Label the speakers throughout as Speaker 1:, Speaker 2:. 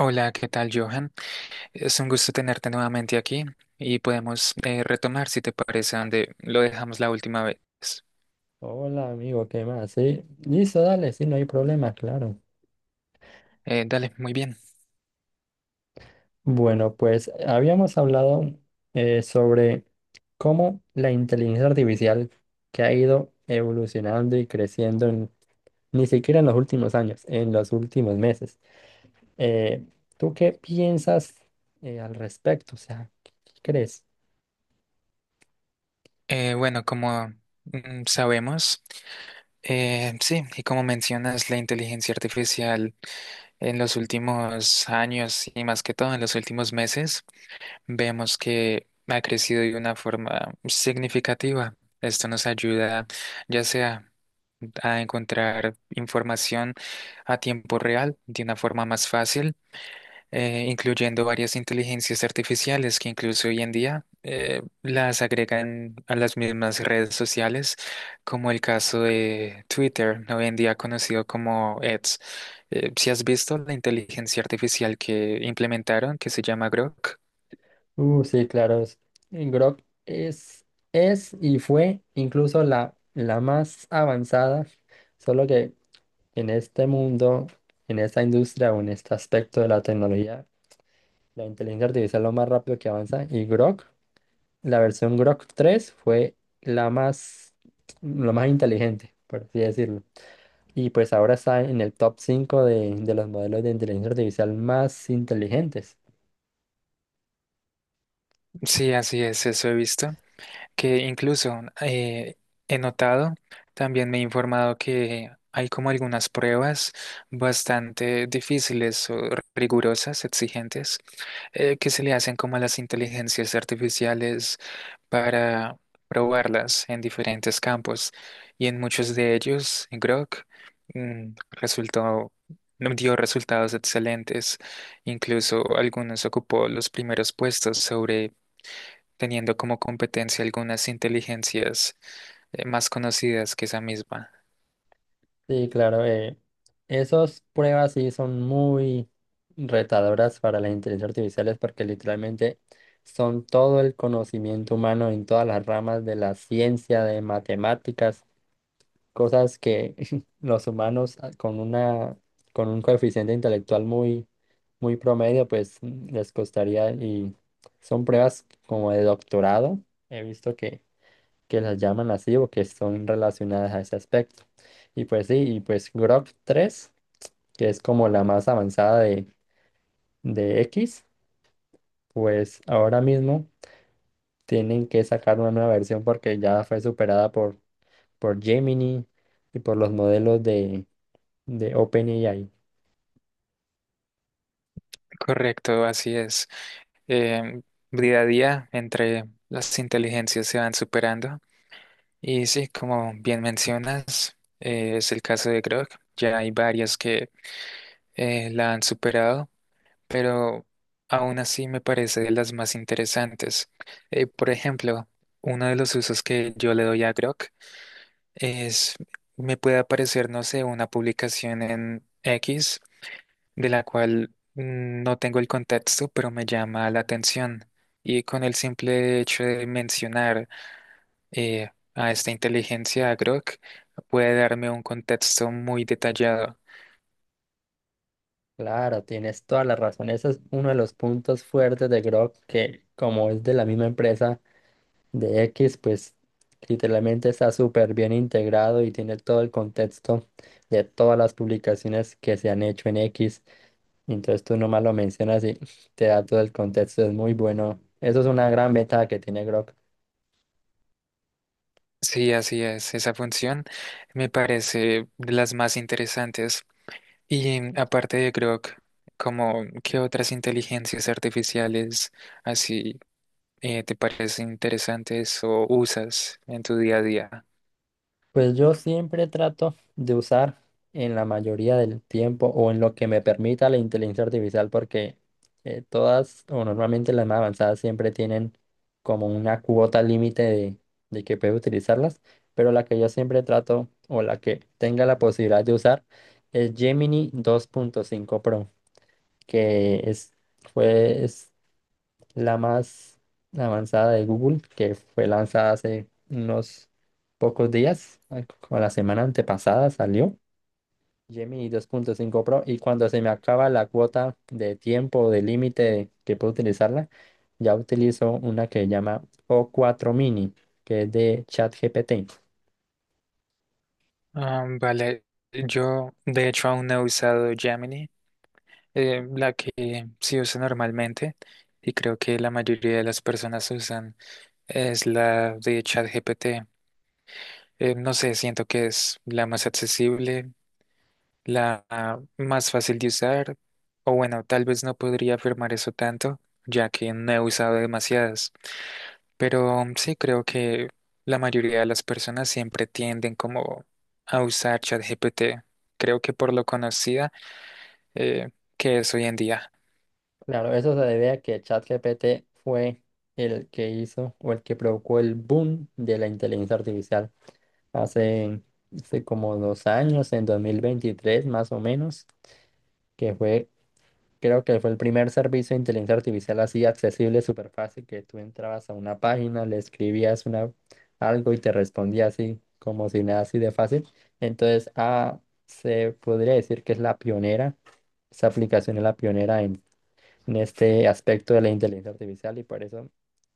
Speaker 1: Hola, ¿qué tal, Johan? Es un gusto tenerte nuevamente aquí y podemos retomar, si te parece, donde lo dejamos la última vez.
Speaker 2: Hola, amigo, ¿qué más? Sí, listo, dale, sí, no hay problema, claro.
Speaker 1: Dale, muy bien.
Speaker 2: Bueno, pues habíamos hablado sobre cómo la inteligencia artificial que ha ido evolucionando y creciendo ni siquiera en los últimos años, en los últimos meses. Eh, ¿Tú qué piensas al respecto? O sea, ¿qué crees?
Speaker 1: Bueno, como sabemos, sí, y como mencionas, la inteligencia artificial en los últimos años y más que todo en los últimos meses, vemos que ha crecido de una forma significativa. Esto nos ayuda, ya sea a encontrar información a tiempo real de una forma más fácil, incluyendo varias inteligencias artificiales que incluso hoy en día las agregan a las mismas redes sociales, como el caso de Twitter, hoy en día conocido como X. Si has visto la inteligencia artificial que implementaron, que se llama Grok.
Speaker 2: Sí, claro. Grok es y fue incluso la más avanzada. Solo que en este mundo, en esta industria o en este aspecto de la tecnología, la inteligencia artificial es lo más rápido que avanza, y Grok, la versión Grok 3 fue la más, lo más inteligente, por así decirlo. Y pues ahora está en el top 5 de los modelos de inteligencia artificial más inteligentes.
Speaker 1: Sí, así es, eso he visto, que incluso he notado, también me he informado que hay como algunas pruebas bastante difíciles o rigurosas, exigentes, que se le hacen como a las inteligencias artificiales para probarlas en diferentes campos. Y en muchos de ellos, Grok mm, resultó... dio resultados excelentes, incluso algunos ocupó los primeros puestos sobre teniendo como competencia algunas inteligencias más conocidas que esa misma.
Speaker 2: Sí, claro, esas pruebas sí son muy retadoras para la inteligencia artificial, es porque literalmente son todo el conocimiento humano en todas las ramas de la ciencia, de matemáticas, cosas que los humanos con con un coeficiente intelectual muy promedio, pues les costaría, y son pruebas como de doctorado. He visto que las llaman así o que son relacionadas a ese aspecto. Y pues sí, y pues Grok tres, que es como la más avanzada de X, pues ahora mismo tienen que sacar una nueva versión porque ya fue superada por Gemini y por los modelos de OpenAI.
Speaker 1: Correcto, así es. Eh, Día a día entre las inteligencias se van superando y sí, como bien mencionas, es el caso de Grok. Ya hay varias que la han superado, pero aún así me parece de las más interesantes. Por ejemplo, uno de los usos que yo le doy a Grok es, me puede aparecer, no sé, una publicación en X de la cual no tengo el contexto, pero me llama la atención. Y con el simple hecho de mencionar a esta inteligencia, a Grok, puede darme un contexto muy detallado.
Speaker 2: Claro, tienes toda la razón. Ese es uno de los puntos fuertes de Grok, que como es de la misma empresa, de X, pues literalmente está súper bien integrado y tiene todo el contexto de todas las publicaciones que se han hecho en X. Entonces tú nomás lo mencionas y te da todo el contexto, es muy bueno. Eso es una gran ventaja que tiene Grok.
Speaker 1: Sí, así es. Esa función me parece de las más interesantes. Y aparte de Grok, como qué otras inteligencias artificiales así te parecen interesantes o usas en tu día a día.
Speaker 2: Pues yo siempre trato de usar en la mayoría del tiempo o en lo que me permita la inteligencia artificial, porque todas o normalmente las más avanzadas siempre tienen como una cuota límite de que puedes utilizarlas, pero la que yo siempre trato o la que tenga la posibilidad de usar es Gemini dos punto cinco Pro, que es, es la más avanzada de Google, que fue lanzada hace unos pocos días, ay, como la semana antepasada salió, Gemini 2.5 Pro, y cuando se me acaba la cuota de tiempo o de límite que puedo utilizarla, ya utilizo una que se llama o cuatro Mini, que es de ChatGPT.
Speaker 1: Ah, vale, yo de hecho aún no he usado Gemini, la que sí uso normalmente y creo que la mayoría de las personas usan es la de ChatGPT. No sé, siento que es la más accesible, la más fácil de usar, o bueno, tal vez no podría afirmar eso tanto, ya que no he usado demasiadas. Pero sí creo que la mayoría de las personas siempre tienden como a usar ChatGPT. Creo que por lo conocida eh, que es hoy en día.
Speaker 2: Claro, eso se debe a que ChatGPT fue el que hizo o el que provocó el boom de la inteligencia artificial. hace, Hace como dos años, en 2023 más o menos, que fue, creo que fue el primer servicio de inteligencia artificial así accesible, súper fácil, que tú entrabas a una página, le escribías algo y te respondía así, como si nada, así de fácil. Entonces, ah, se podría decir que es la pionera, esa aplicación es la pionera en este aspecto de la inteligencia artificial, y por eso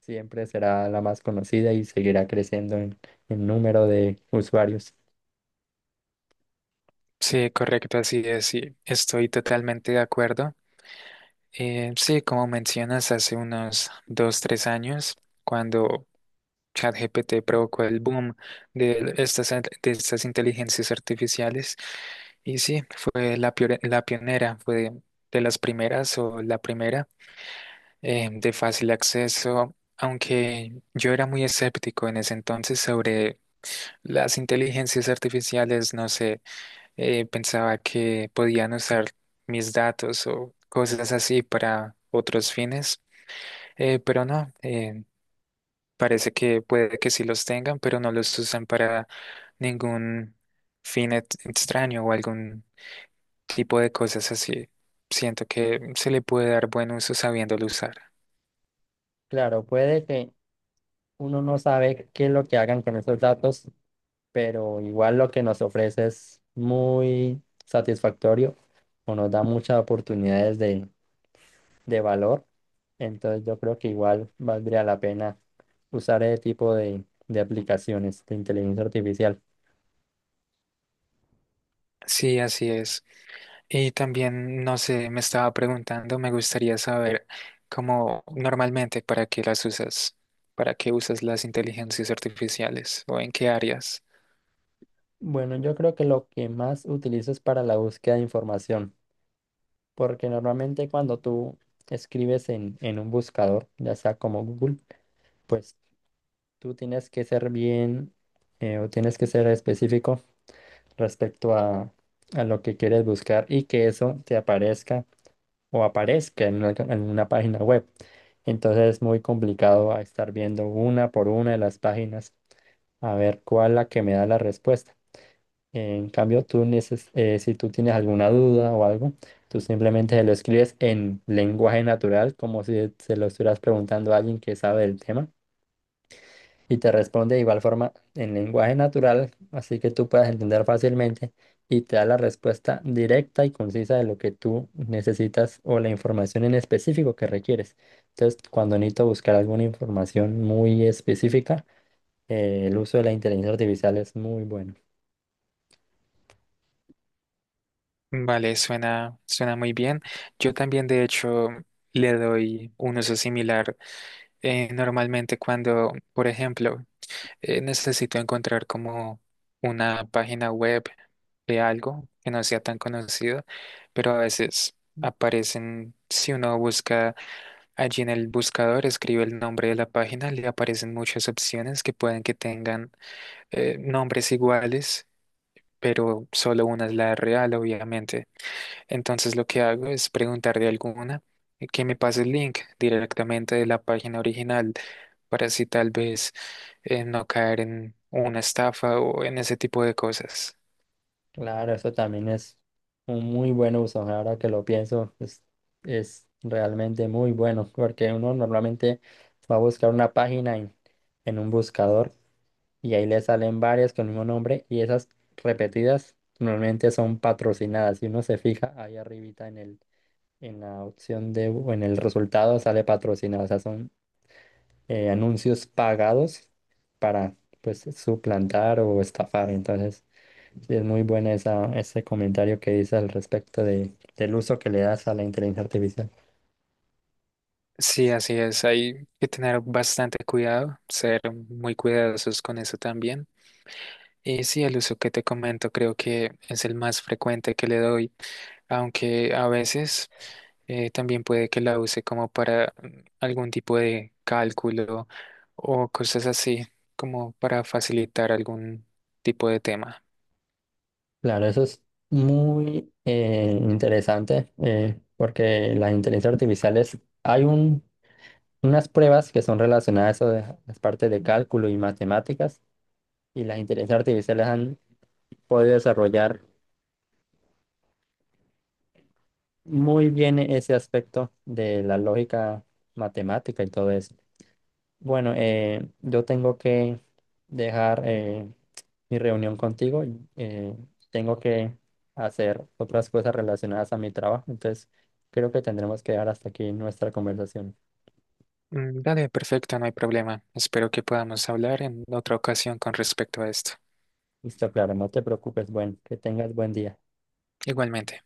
Speaker 2: siempre será la más conocida y seguirá creciendo en número de usuarios.
Speaker 1: Sí, correcto, así es, sí, estoy totalmente de acuerdo. Sí, como mencionas, hace unos dos, tres años, cuando ChatGPT provocó el boom de estas inteligencias artificiales, y sí, fue la, la pionera, fue de las primeras o la primera de fácil acceso, aunque yo era muy escéptico en ese entonces sobre las inteligencias artificiales, no sé, pensaba que podían usar mis datos o cosas así para otros fines, pero no, parece que puede que sí los tengan, pero no los usan para ningún fin extraño o algún tipo de cosas así. Siento que se le puede dar buen uso sabiéndolo usar.
Speaker 2: Claro, puede que uno no sabe qué es lo que hagan con esos datos, pero igual lo que nos ofrece es muy satisfactorio o nos da muchas oportunidades de valor. Entonces yo creo que igual valdría la pena usar ese tipo de aplicaciones de inteligencia artificial.
Speaker 1: Sí, así es. Y también, no sé, me estaba preguntando, me gustaría saber cómo normalmente para qué las usas, para qué usas las inteligencias artificiales o en qué áreas.
Speaker 2: Bueno, yo creo que lo que más utilizo es para la búsqueda de información, porque normalmente cuando tú escribes en un buscador, ya sea como Google, pues tú tienes que ser bien o tienes que ser específico respecto a lo que quieres buscar y que eso te aparezca o aparezca en en una página web. Entonces es muy complicado a estar viendo una por una de las páginas a ver cuál es la que me da la respuesta. En cambio, si tú tienes alguna duda o algo, tú simplemente se lo escribes en lenguaje natural, como si se lo estuvieras preguntando a alguien que sabe del tema, y te responde de igual forma en lenguaje natural, así que tú puedas entender fácilmente y te da la respuesta directa y concisa de lo que tú necesitas o la información en específico que requieres. Entonces, cuando necesito buscar alguna información muy específica, el uso de la inteligencia artificial es muy bueno.
Speaker 1: Vale, suena muy bien. Yo también, de hecho, le doy un uso similar. Normalmente cuando, por ejemplo, necesito encontrar como una página web de algo que no sea tan conocido, pero a veces aparecen, si uno busca allí en el buscador, escribe el nombre de la página, le aparecen muchas opciones que pueden que tengan nombres iguales, pero solo una es la real, obviamente. Entonces lo que hago es preguntar de alguna que me pase el link directamente de la página original para así tal vez no caer en una estafa o en ese tipo de cosas.
Speaker 2: Claro, eso también es un muy buen uso. Ahora que lo pienso, es realmente muy bueno porque uno normalmente va a buscar una página en un buscador, y ahí le salen varias con el mismo nombre, y esas repetidas normalmente son patrocinadas. Si uno se fija ahí arribita en en la opción de, o en el resultado sale patrocinado, o sea, son anuncios pagados para pues suplantar o estafar. Entonces, sí es muy bueno ese comentario que dice al respecto del uso que le das a la inteligencia artificial.
Speaker 1: Sí, así es. Hay que tener bastante cuidado, ser muy cuidadosos con eso también. Y sí, el uso que te comento creo que es el más frecuente que le doy, aunque a veces también puede que la use como para algún tipo de cálculo o cosas así, como para facilitar algún tipo de tema.
Speaker 2: Claro, eso es muy interesante porque las inteligencias artificiales hay un unas pruebas que son relacionadas a las partes de cálculo y matemáticas, y las inteligencias artificiales han podido desarrollar muy bien ese aspecto de la lógica matemática y todo eso. Bueno, yo tengo que dejar mi reunión contigo, eh, tengo que hacer otras cosas relacionadas a mi trabajo, entonces creo que tendremos que dejar hasta aquí nuestra conversación.
Speaker 1: Dale, perfecto, no hay problema. Espero que podamos hablar en otra ocasión con respecto a esto.
Speaker 2: Listo, claro, no te preocupes, bueno, que tengas buen día.
Speaker 1: Igualmente.